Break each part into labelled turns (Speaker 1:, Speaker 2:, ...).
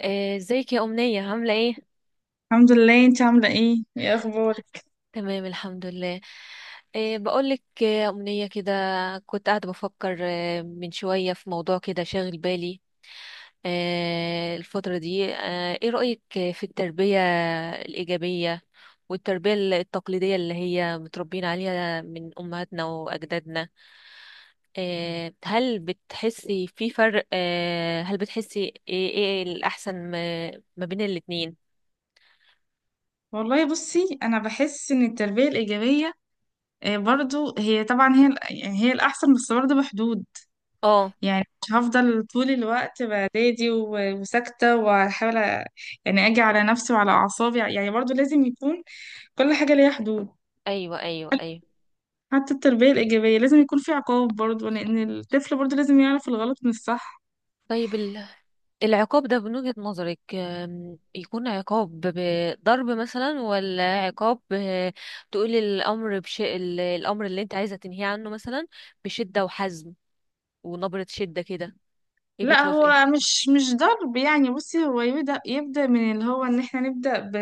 Speaker 1: ازيك يا أمنية عاملة ايه؟
Speaker 2: الحمد لله. انت عاملة ايه اخبارك؟
Speaker 1: تمام الحمد لله. بقولك، يا أمنية، كده كنت قاعدة بفكر من شوية في موضوع كده شاغل بالي الفترة دي. ايه رأيك في التربية الإيجابية والتربية التقليدية اللي هي متربيين عليها من أمهاتنا وأجدادنا؟ هل بتحسي في فرق؟ هل بتحسي ايه الأحسن ما بين الاتنين؟
Speaker 2: والله بصي انا بحس ان التربية الايجابية برضو هي، طبعا، يعني هي الاحسن، بس برضو بحدود.
Speaker 1: اه.
Speaker 2: يعني مش هفضل طول الوقت بعدادي وساكتة، واحاول يعني اجي على نفسي وعلى اعصابي. يعني برضو لازم يكون كل حاجة ليها حدود.
Speaker 1: ايوه، ايوه، ايوه.
Speaker 2: حتى التربية الايجابية لازم يكون في عقاب، برضو لان الطفل برضو لازم يعرف الغلط من الصح.
Speaker 1: طيب، العقاب ده من وجهة نظرك يكون عقاب بضرب مثلا، ولا عقاب تقولي الأمر الأمر اللي انت عايزة تنهيه عنه مثلا بشدة وحزم ونبرة شدة كده، ايه،
Speaker 2: لا،
Speaker 1: بتوافقي؟
Speaker 2: هو مش ضرب. يعني بصي هو يبدأ من اللي هو ان احنا نبدأ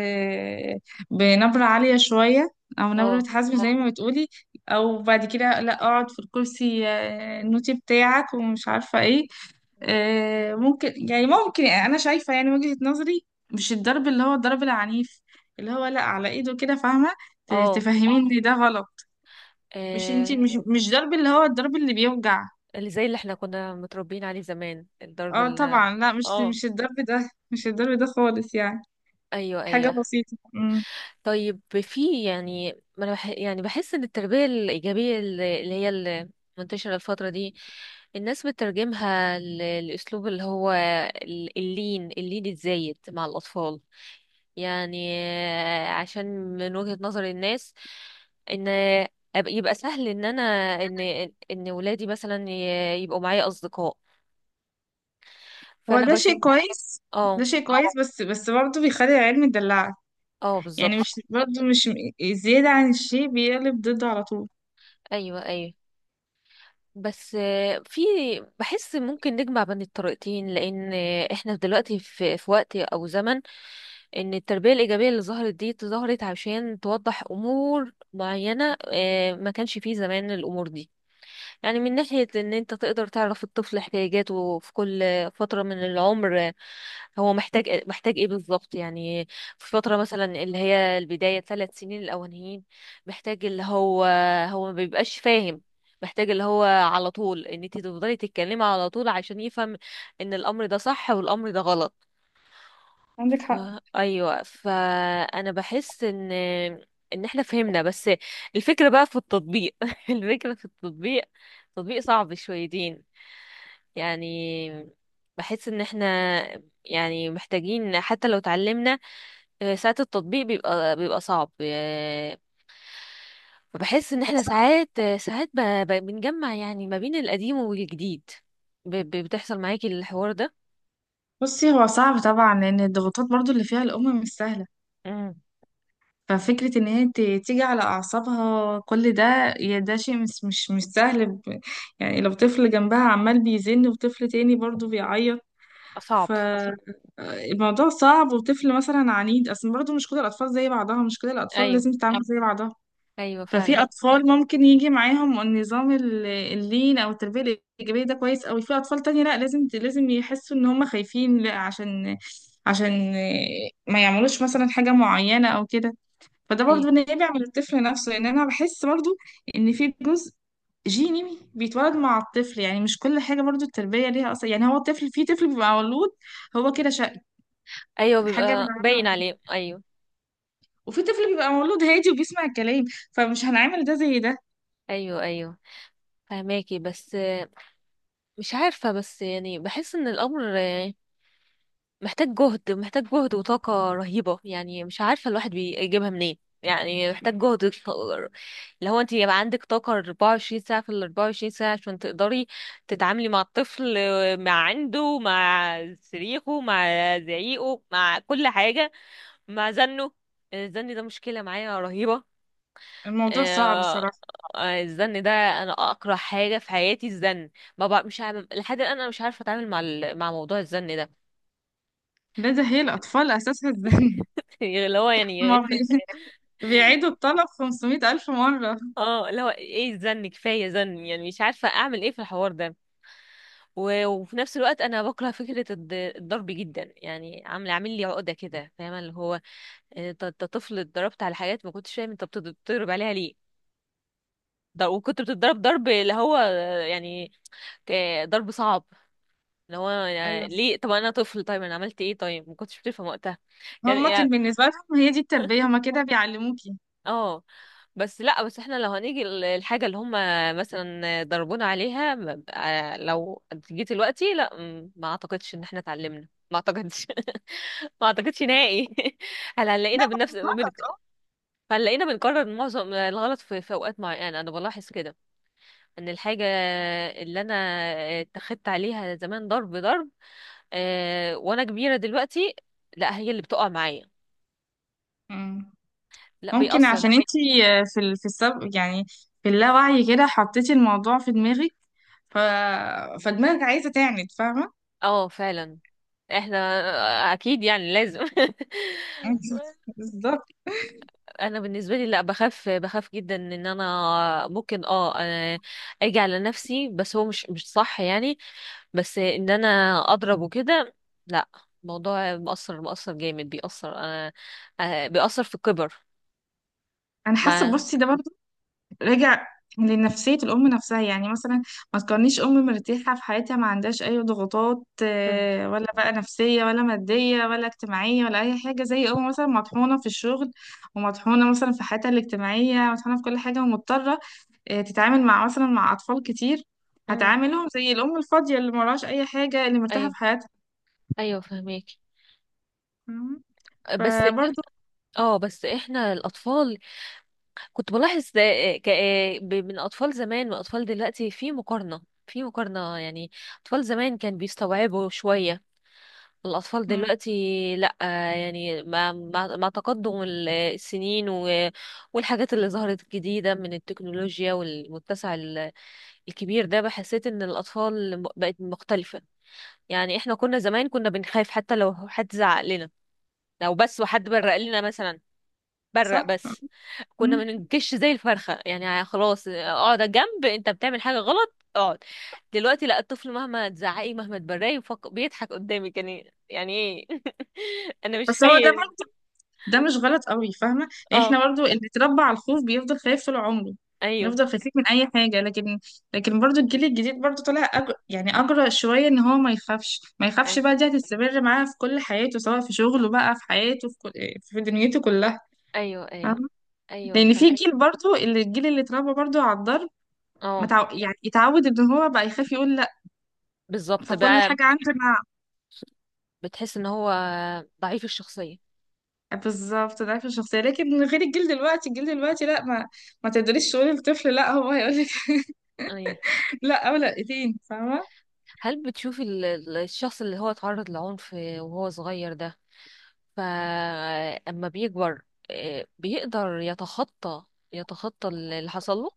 Speaker 2: بنبرة عالية شوية، او نبرة
Speaker 1: اه.
Speaker 2: حزم زي ما بتقولي، او بعد كده لا اقعد في الكرسي النوتي بتاعك، ومش عارفة ايه. يعني ممكن انا شايفة، يعني وجهة نظري، مش الضرب اللي هو الضرب العنيف، اللي هو لا على ايده كده، فاهمة؟
Speaker 1: اه.
Speaker 2: تفهميني ده غلط. مش انتي،
Speaker 1: آه،
Speaker 2: مش ضرب اللي هو الضرب اللي بيوجع.
Speaker 1: اللي زي اللي احنا كنا متربيين عليه زمان، الضرب
Speaker 2: اه
Speaker 1: ال...
Speaker 2: طبعا، لا، مش
Speaker 1: اه،
Speaker 2: مش الضرب ده، مش الضرب ده خالص، يعني
Speaker 1: ايوه،
Speaker 2: حاجة
Speaker 1: ايوه.
Speaker 2: بسيطة.
Speaker 1: طيب، في يعني، ما انا بح يعني بحس ان التربية الإيجابية اللي هي المنتشرة الفترة دي، الناس بتترجمها لأسلوب اللي هو اللين الزايد مع الأطفال، يعني عشان من وجهة نظر الناس ان يبقى سهل ان انا، ان ان ولادي مثلا يبقوا معايا اصدقاء،
Speaker 2: هو
Speaker 1: فانا
Speaker 2: ده شيء
Speaker 1: بشوف.
Speaker 2: كويس، ده
Speaker 1: اه.
Speaker 2: شيء كويس، بس برضه بيخلي العيال مدلعة.
Speaker 1: اه،
Speaker 2: يعني مش
Speaker 1: بالظبط.
Speaker 2: برضه مش م- زيادة عن الشيء بيقلب ضده على طول.
Speaker 1: ايوه، ايوه. بس في، بحس ممكن نجمع بين الطريقتين، لان احنا دلوقتي في وقت او زمن ان التربية الإيجابية اللي ظهرت دي ظهرت عشان توضح امور معينة ما كانش فيه زمان الامور دي، يعني من ناحية ان انت تقدر تعرف الطفل احتياجاته في كل فترة من العمر، هو محتاج إيه، محتاج ايه بالظبط، يعني في فترة مثلا اللي هي البداية ثلاث سنين الأولانيين، محتاج اللي هو، هو ما بيبقاش فاهم، محتاج اللي هو على طول ان انت تفضلي تتكلمي على طول عشان يفهم ان الامر ده صح والامر ده غلط.
Speaker 2: عندك
Speaker 1: ف...
Speaker 2: حق.
Speaker 1: ايوه، فانا بحس ان احنا فهمنا، بس الفكره بقى في التطبيق. الفكره في التطبيق، تطبيق صعب شويتين يعني. بحس ان احنا يعني محتاجين حتى لو اتعلمنا، ساعات التطبيق بيبقى صعب، فبحس ان
Speaker 2: هو
Speaker 1: احنا
Speaker 2: صعب.
Speaker 1: ساعات، ساعات بنجمع يعني ما بين القديم والجديد. بتحصل معاكي الحوار ده؟
Speaker 2: بصي هو صعب طبعا، لأن الضغوطات برضه اللي فيها الأم مش سهلة.
Speaker 1: امم
Speaker 2: ففكرة إن هي تيجي على أعصابها كل ده، يا ده شيء مش سهل. يعني لو طفل جنبها عمال بيزن وطفل تاني برضه بيعيط ف-
Speaker 1: صعب.
Speaker 2: الموضوع صعب. وطفل مثلا عنيد اصلا، برضه مش كل الاطفال زي بعضها، مش كل الاطفال
Speaker 1: ايوه،
Speaker 2: لازم تتعامل زي بعضها.
Speaker 1: ايوه
Speaker 2: ففي
Speaker 1: فعلا.
Speaker 2: اطفال ممكن يجي معاهم النظام اللين او التربيه الايجابيه، ده كويس قوي. في اطفال تانية لا، لازم يحسوا ان هم خايفين، لا عشان عشان ما يعملوش مثلا حاجه معينه او كده. فده برضو
Speaker 1: ايوه،
Speaker 2: نابع من الطفل نفسه، لان انا بحس برضو ان في جزء جيني بيتولد مع الطفل. يعني مش كل حاجة برضو التربية ليها أصلا. يعني هو الطفل، في طفل بيبقى مولود هو كده شقي،
Speaker 1: ايوه،
Speaker 2: حاجة من
Speaker 1: بيبقى باين
Speaker 2: العادة.
Speaker 1: عليه، ايوه.
Speaker 2: وفي طفل بيبقى مولود هادي وبيسمع الكلام، فمش هنعمل ده زي ده.
Speaker 1: ايوه، ايوه، فهماكي، بس مش عارفه، بس يعني بحس ان الامر محتاج جهد، محتاج جهد وطاقه رهيبه، يعني مش عارفه الواحد بيجيبها منين، يعني محتاج جهد. اللي هو انت يبقى عندك طاقه 24 ساعه في ال 24 ساعه عشان تقدري تتعاملي مع الطفل، مع عنده، مع صريخه، مع زعيقه، مع كل حاجه، مع زنه. يعني الزن ده مشكله معايا رهيبه.
Speaker 2: الموضوع صعب
Speaker 1: آه،
Speaker 2: صراحة.
Speaker 1: الزن ده انا اكره حاجه في حياتي الزن، ما بقى مش عارف لحد الان انا مش عارفه اتعامل مع مع موضوع الزن ده.
Speaker 2: ده هي الأطفال أساسها الزن.
Speaker 1: اللي هو
Speaker 2: ما
Speaker 1: يعني.
Speaker 2: بي... بيعيدوا الطلب 500 ألف مرة.
Speaker 1: اه، اللي هو ايه، الزن كفايه زن، يعني مش عارفه اعمل ايه في الحوار ده. وفي نفس الوقت انا بكره فكره الضرب جدا، يعني عامل عامل لي عقده كده، فاهمه؟ اللي هو انت، طفل، اتضربت على حاجات ما كنتش فاهم انت بتضرب عليها ليه، ده وكنت بتضرب ضرب اللي هو، يعني ضرب صعب، اللي هو يعني
Speaker 2: أيوة،
Speaker 1: ليه؟ طب انا طفل، طيب انا عملت ايه؟ طيب ما كنتش بتفهم وقتها يعني
Speaker 2: هما كان
Speaker 1: يعني
Speaker 2: بالنسبة لهم هي دي التربية، هما كده بيعلموكي.
Speaker 1: اه. بس لا، بس احنا لو هنيجي الحاجة اللي هم مثلا ضربونا عليها لو جيت دلوقتي لا، ما اعتقدش ان احنا اتعلمنا، ما اعتقدش. ما اعتقدش نهائي. هل
Speaker 2: لا.
Speaker 1: هنلاقينا بنفس هنلاقينا بنكرر معظم الغلط في اوقات معينة انا بلاحظ كده ان الحاجة اللي انا اتخذت عليها زمان ضرب ضرب، وانا كبيرة دلوقتي، لا هي اللي بتقع معايا،
Speaker 2: مم.
Speaker 1: لا
Speaker 2: ممكن
Speaker 1: بيأثر.
Speaker 2: عشان انتي، في السب، يعني في اللاوعي كده، حطيتي الموضوع في دماغك. ف... فدماغك عايزة تعند، فاهمة؟
Speaker 1: اه فعلا، احنا اكيد يعني لازم.
Speaker 2: بالظبط.
Speaker 1: انا بالنسبه لي لا، بخاف بخاف جدا ان انا ممكن، اه اجي على نفسي، بس هو مش، مش صح يعني، بس ان انا اضرب وكده، لا. الموضوع مؤثر، مؤثر جامد، بيأثر انا، بيأثر في الكبر
Speaker 2: انا حاسة
Speaker 1: مع.
Speaker 2: بصي ده برضه راجع لنفسية الأم نفسها. يعني مثلا ما تكونيش أم مرتاحة في حياتها، ما عندهاش أي ضغوطات،
Speaker 1: مم.
Speaker 2: ولا بقى نفسية، ولا مادية، ولا اجتماعية، ولا أي حاجة. زي أم مثلا مطحونة في الشغل، ومطحونة مثلا في حياتها الاجتماعية، مطحونة في كل حاجة، ومضطرة تتعامل مثلا مع أطفال كتير.
Speaker 1: مم.
Speaker 2: هتعاملهم زي الأم الفاضية اللي مراش أي حاجة، اللي مرتاحة
Speaker 1: ايوه،
Speaker 2: في حياتها.
Speaker 1: ايوه فهميك.
Speaker 2: مم.
Speaker 1: بس
Speaker 2: فبرضه.
Speaker 1: اه، بس احنا الاطفال، كنت بلاحظ ده من اطفال زمان واطفال دلوقتي، في مقارنة، في مقارنة يعني. اطفال زمان كان بيستوعبوا شوية، الاطفال
Speaker 2: مم.
Speaker 1: دلوقتي لا، يعني مع مع تقدم السنين والحاجات اللي ظهرت جديدة من التكنولوجيا والمتسع الكبير ده، بحسيت ان الاطفال بقت مختلفة. يعني احنا كنا زمان كنا بنخاف حتى لو حد زعق لنا، لو بس وحد برق لنا مثلا، برق
Speaker 2: صح.
Speaker 1: بس،
Speaker 2: مم.
Speaker 1: كنا بنجش زي الفرخة، يعني خلاص اقعد على جنب، انت بتعمل حاجة غلط، اقعد. دلوقتي لا، الطفل مهما تزعقي مهما تبرقي بيضحك قدامك، يعني يعني ايه؟ انا مش
Speaker 2: بس هو ده
Speaker 1: خايف.
Speaker 2: برضه، ده مش غلط قوي، فاهمة؟ يعني
Speaker 1: اه،
Speaker 2: احنا برضه اللي بيتربى على الخوف بيفضل خايف طول عمره.
Speaker 1: ايوه،
Speaker 2: بنفضل خايفين من أي حاجة. لكن، لكن برضه الجيل الجديد برضه طالع يعني أجرأ شوية، إن هو ما يخافش ما يخافش
Speaker 1: ايوه،
Speaker 2: بقى. دي هتستمر معاه في كل حياته، سواء في شغله بقى، في حياته، في دنيته كلها.
Speaker 1: ايوه، ايوه،
Speaker 2: فاهمة؟
Speaker 1: ايوه
Speaker 2: لأن
Speaker 1: فا
Speaker 2: في جيل برضه، الجيل اللي اتربى برضه على الضرب
Speaker 1: اه،
Speaker 2: يعني يتعود ان هو بقى يخاف يقول لا.
Speaker 1: بالظبط
Speaker 2: فكل
Speaker 1: بقى.
Speaker 2: حاجه عنده.
Speaker 1: بتحس ان هو ضعيف الشخصية.
Speaker 2: بالظبط ضعف الشخصيه. لكن من غير، الجيل دلوقتي، الجيل دلوقتي لا، ما تقدريش تقولي للطفل لا، هو هيقول لك
Speaker 1: ايوه.
Speaker 2: لا، او لا. فاهمه؟
Speaker 1: هل بتشوفي الشخص اللي هو اتعرض لعنف وهو صغير ده، فأما بيكبر بيقدر يتخطى، يتخطى اللي حصل له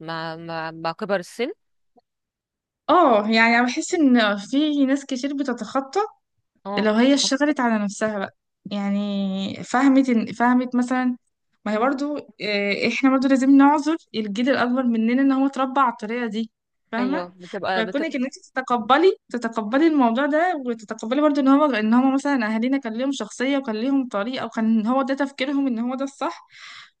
Speaker 1: مع، مع كبر السن؟
Speaker 2: اه يعني انا بحس ان في ناس كتير بتتخطى
Speaker 1: اه.
Speaker 2: لو هي اشتغلت على نفسها بقى. يعني فهمت فهمت مثلا، ما هي
Speaker 1: مم.
Speaker 2: برضو، احنا برضو لازم نعذر الجيل الاكبر مننا ان هو اتربى على الطريقه دي.
Speaker 1: ايوه،
Speaker 2: فاهمه؟
Speaker 1: بتبقى.
Speaker 2: فكونك ان انت تتقبلي الموضوع ده، وتتقبلي برضو ان هو مثلا اهالينا كان ليهم شخصيه، وكان ليهم طريقه، وكان هو ده تفكيرهم، ان هو ده الصح.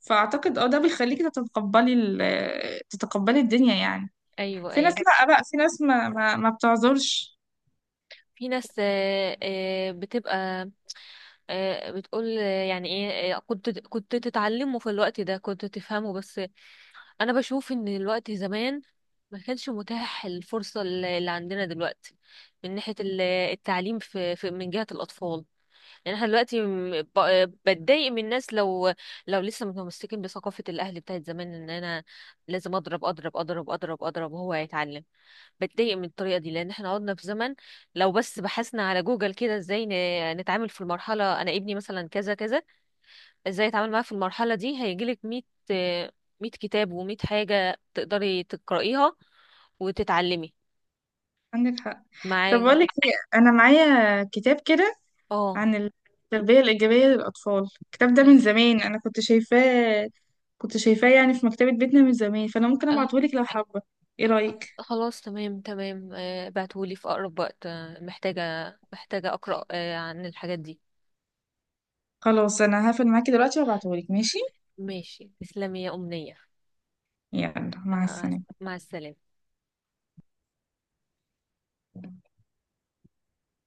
Speaker 2: فاعتقد ده بيخليكي تتقبلي الدنيا يعني.
Speaker 1: ايوه،
Speaker 2: في ناس
Speaker 1: ايوه.
Speaker 2: لا بقى، في ناس ما بتعذرش.
Speaker 1: في ناس بتبقى بتقول يعني ايه، كنت تتعلمه في الوقت ده، كنت تفهمه، بس انا بشوف ان الوقت زمان ما كانش متاح الفرصة اللي عندنا دلوقتي من ناحية التعليم في من جهة الأطفال. يعني احنا دلوقتي بتضايق من الناس لو، لو لسه متمسكين بثقافة الأهل بتاعت زمان، إن أنا لازم أضرب أضرب أضرب أضرب أضرب وهو هيتعلم. بتضايق من الطريقة دي، لأن احنا قعدنا في زمن لو بس بحثنا على جوجل كده ازاي نتعامل في المرحلة، أنا ابني مثلا كذا كذا، ازاي أتعامل معاه في المرحلة دي، هيجيلك ميت ميت كتاب وميت حاجة تقدري تقرأيها وتتعلمي
Speaker 2: عندك حق. طب
Speaker 1: معاه.
Speaker 2: بقول لك إيه، انا معايا كتاب كده
Speaker 1: اه،
Speaker 2: عن التربيه الايجابيه للاطفال، الكتاب ده من زمان انا كنت شايفاه يعني في مكتبه بيتنا من زمان. فانا ممكن ابعته لك لو حابه، ايه رايك؟
Speaker 1: خلاص، تمام، تمام. بعتهولي في أقرب وقت، محتاجة محتاجة أقرأ عن الحاجات دي.
Speaker 2: خلاص انا هقفل معاكي دلوقتي وابعته لك، ماشي؟
Speaker 1: ماشي، تسلمي يا أمنية.
Speaker 2: يلا مع
Speaker 1: آه،
Speaker 2: السلامه.
Speaker 1: مع السلامة.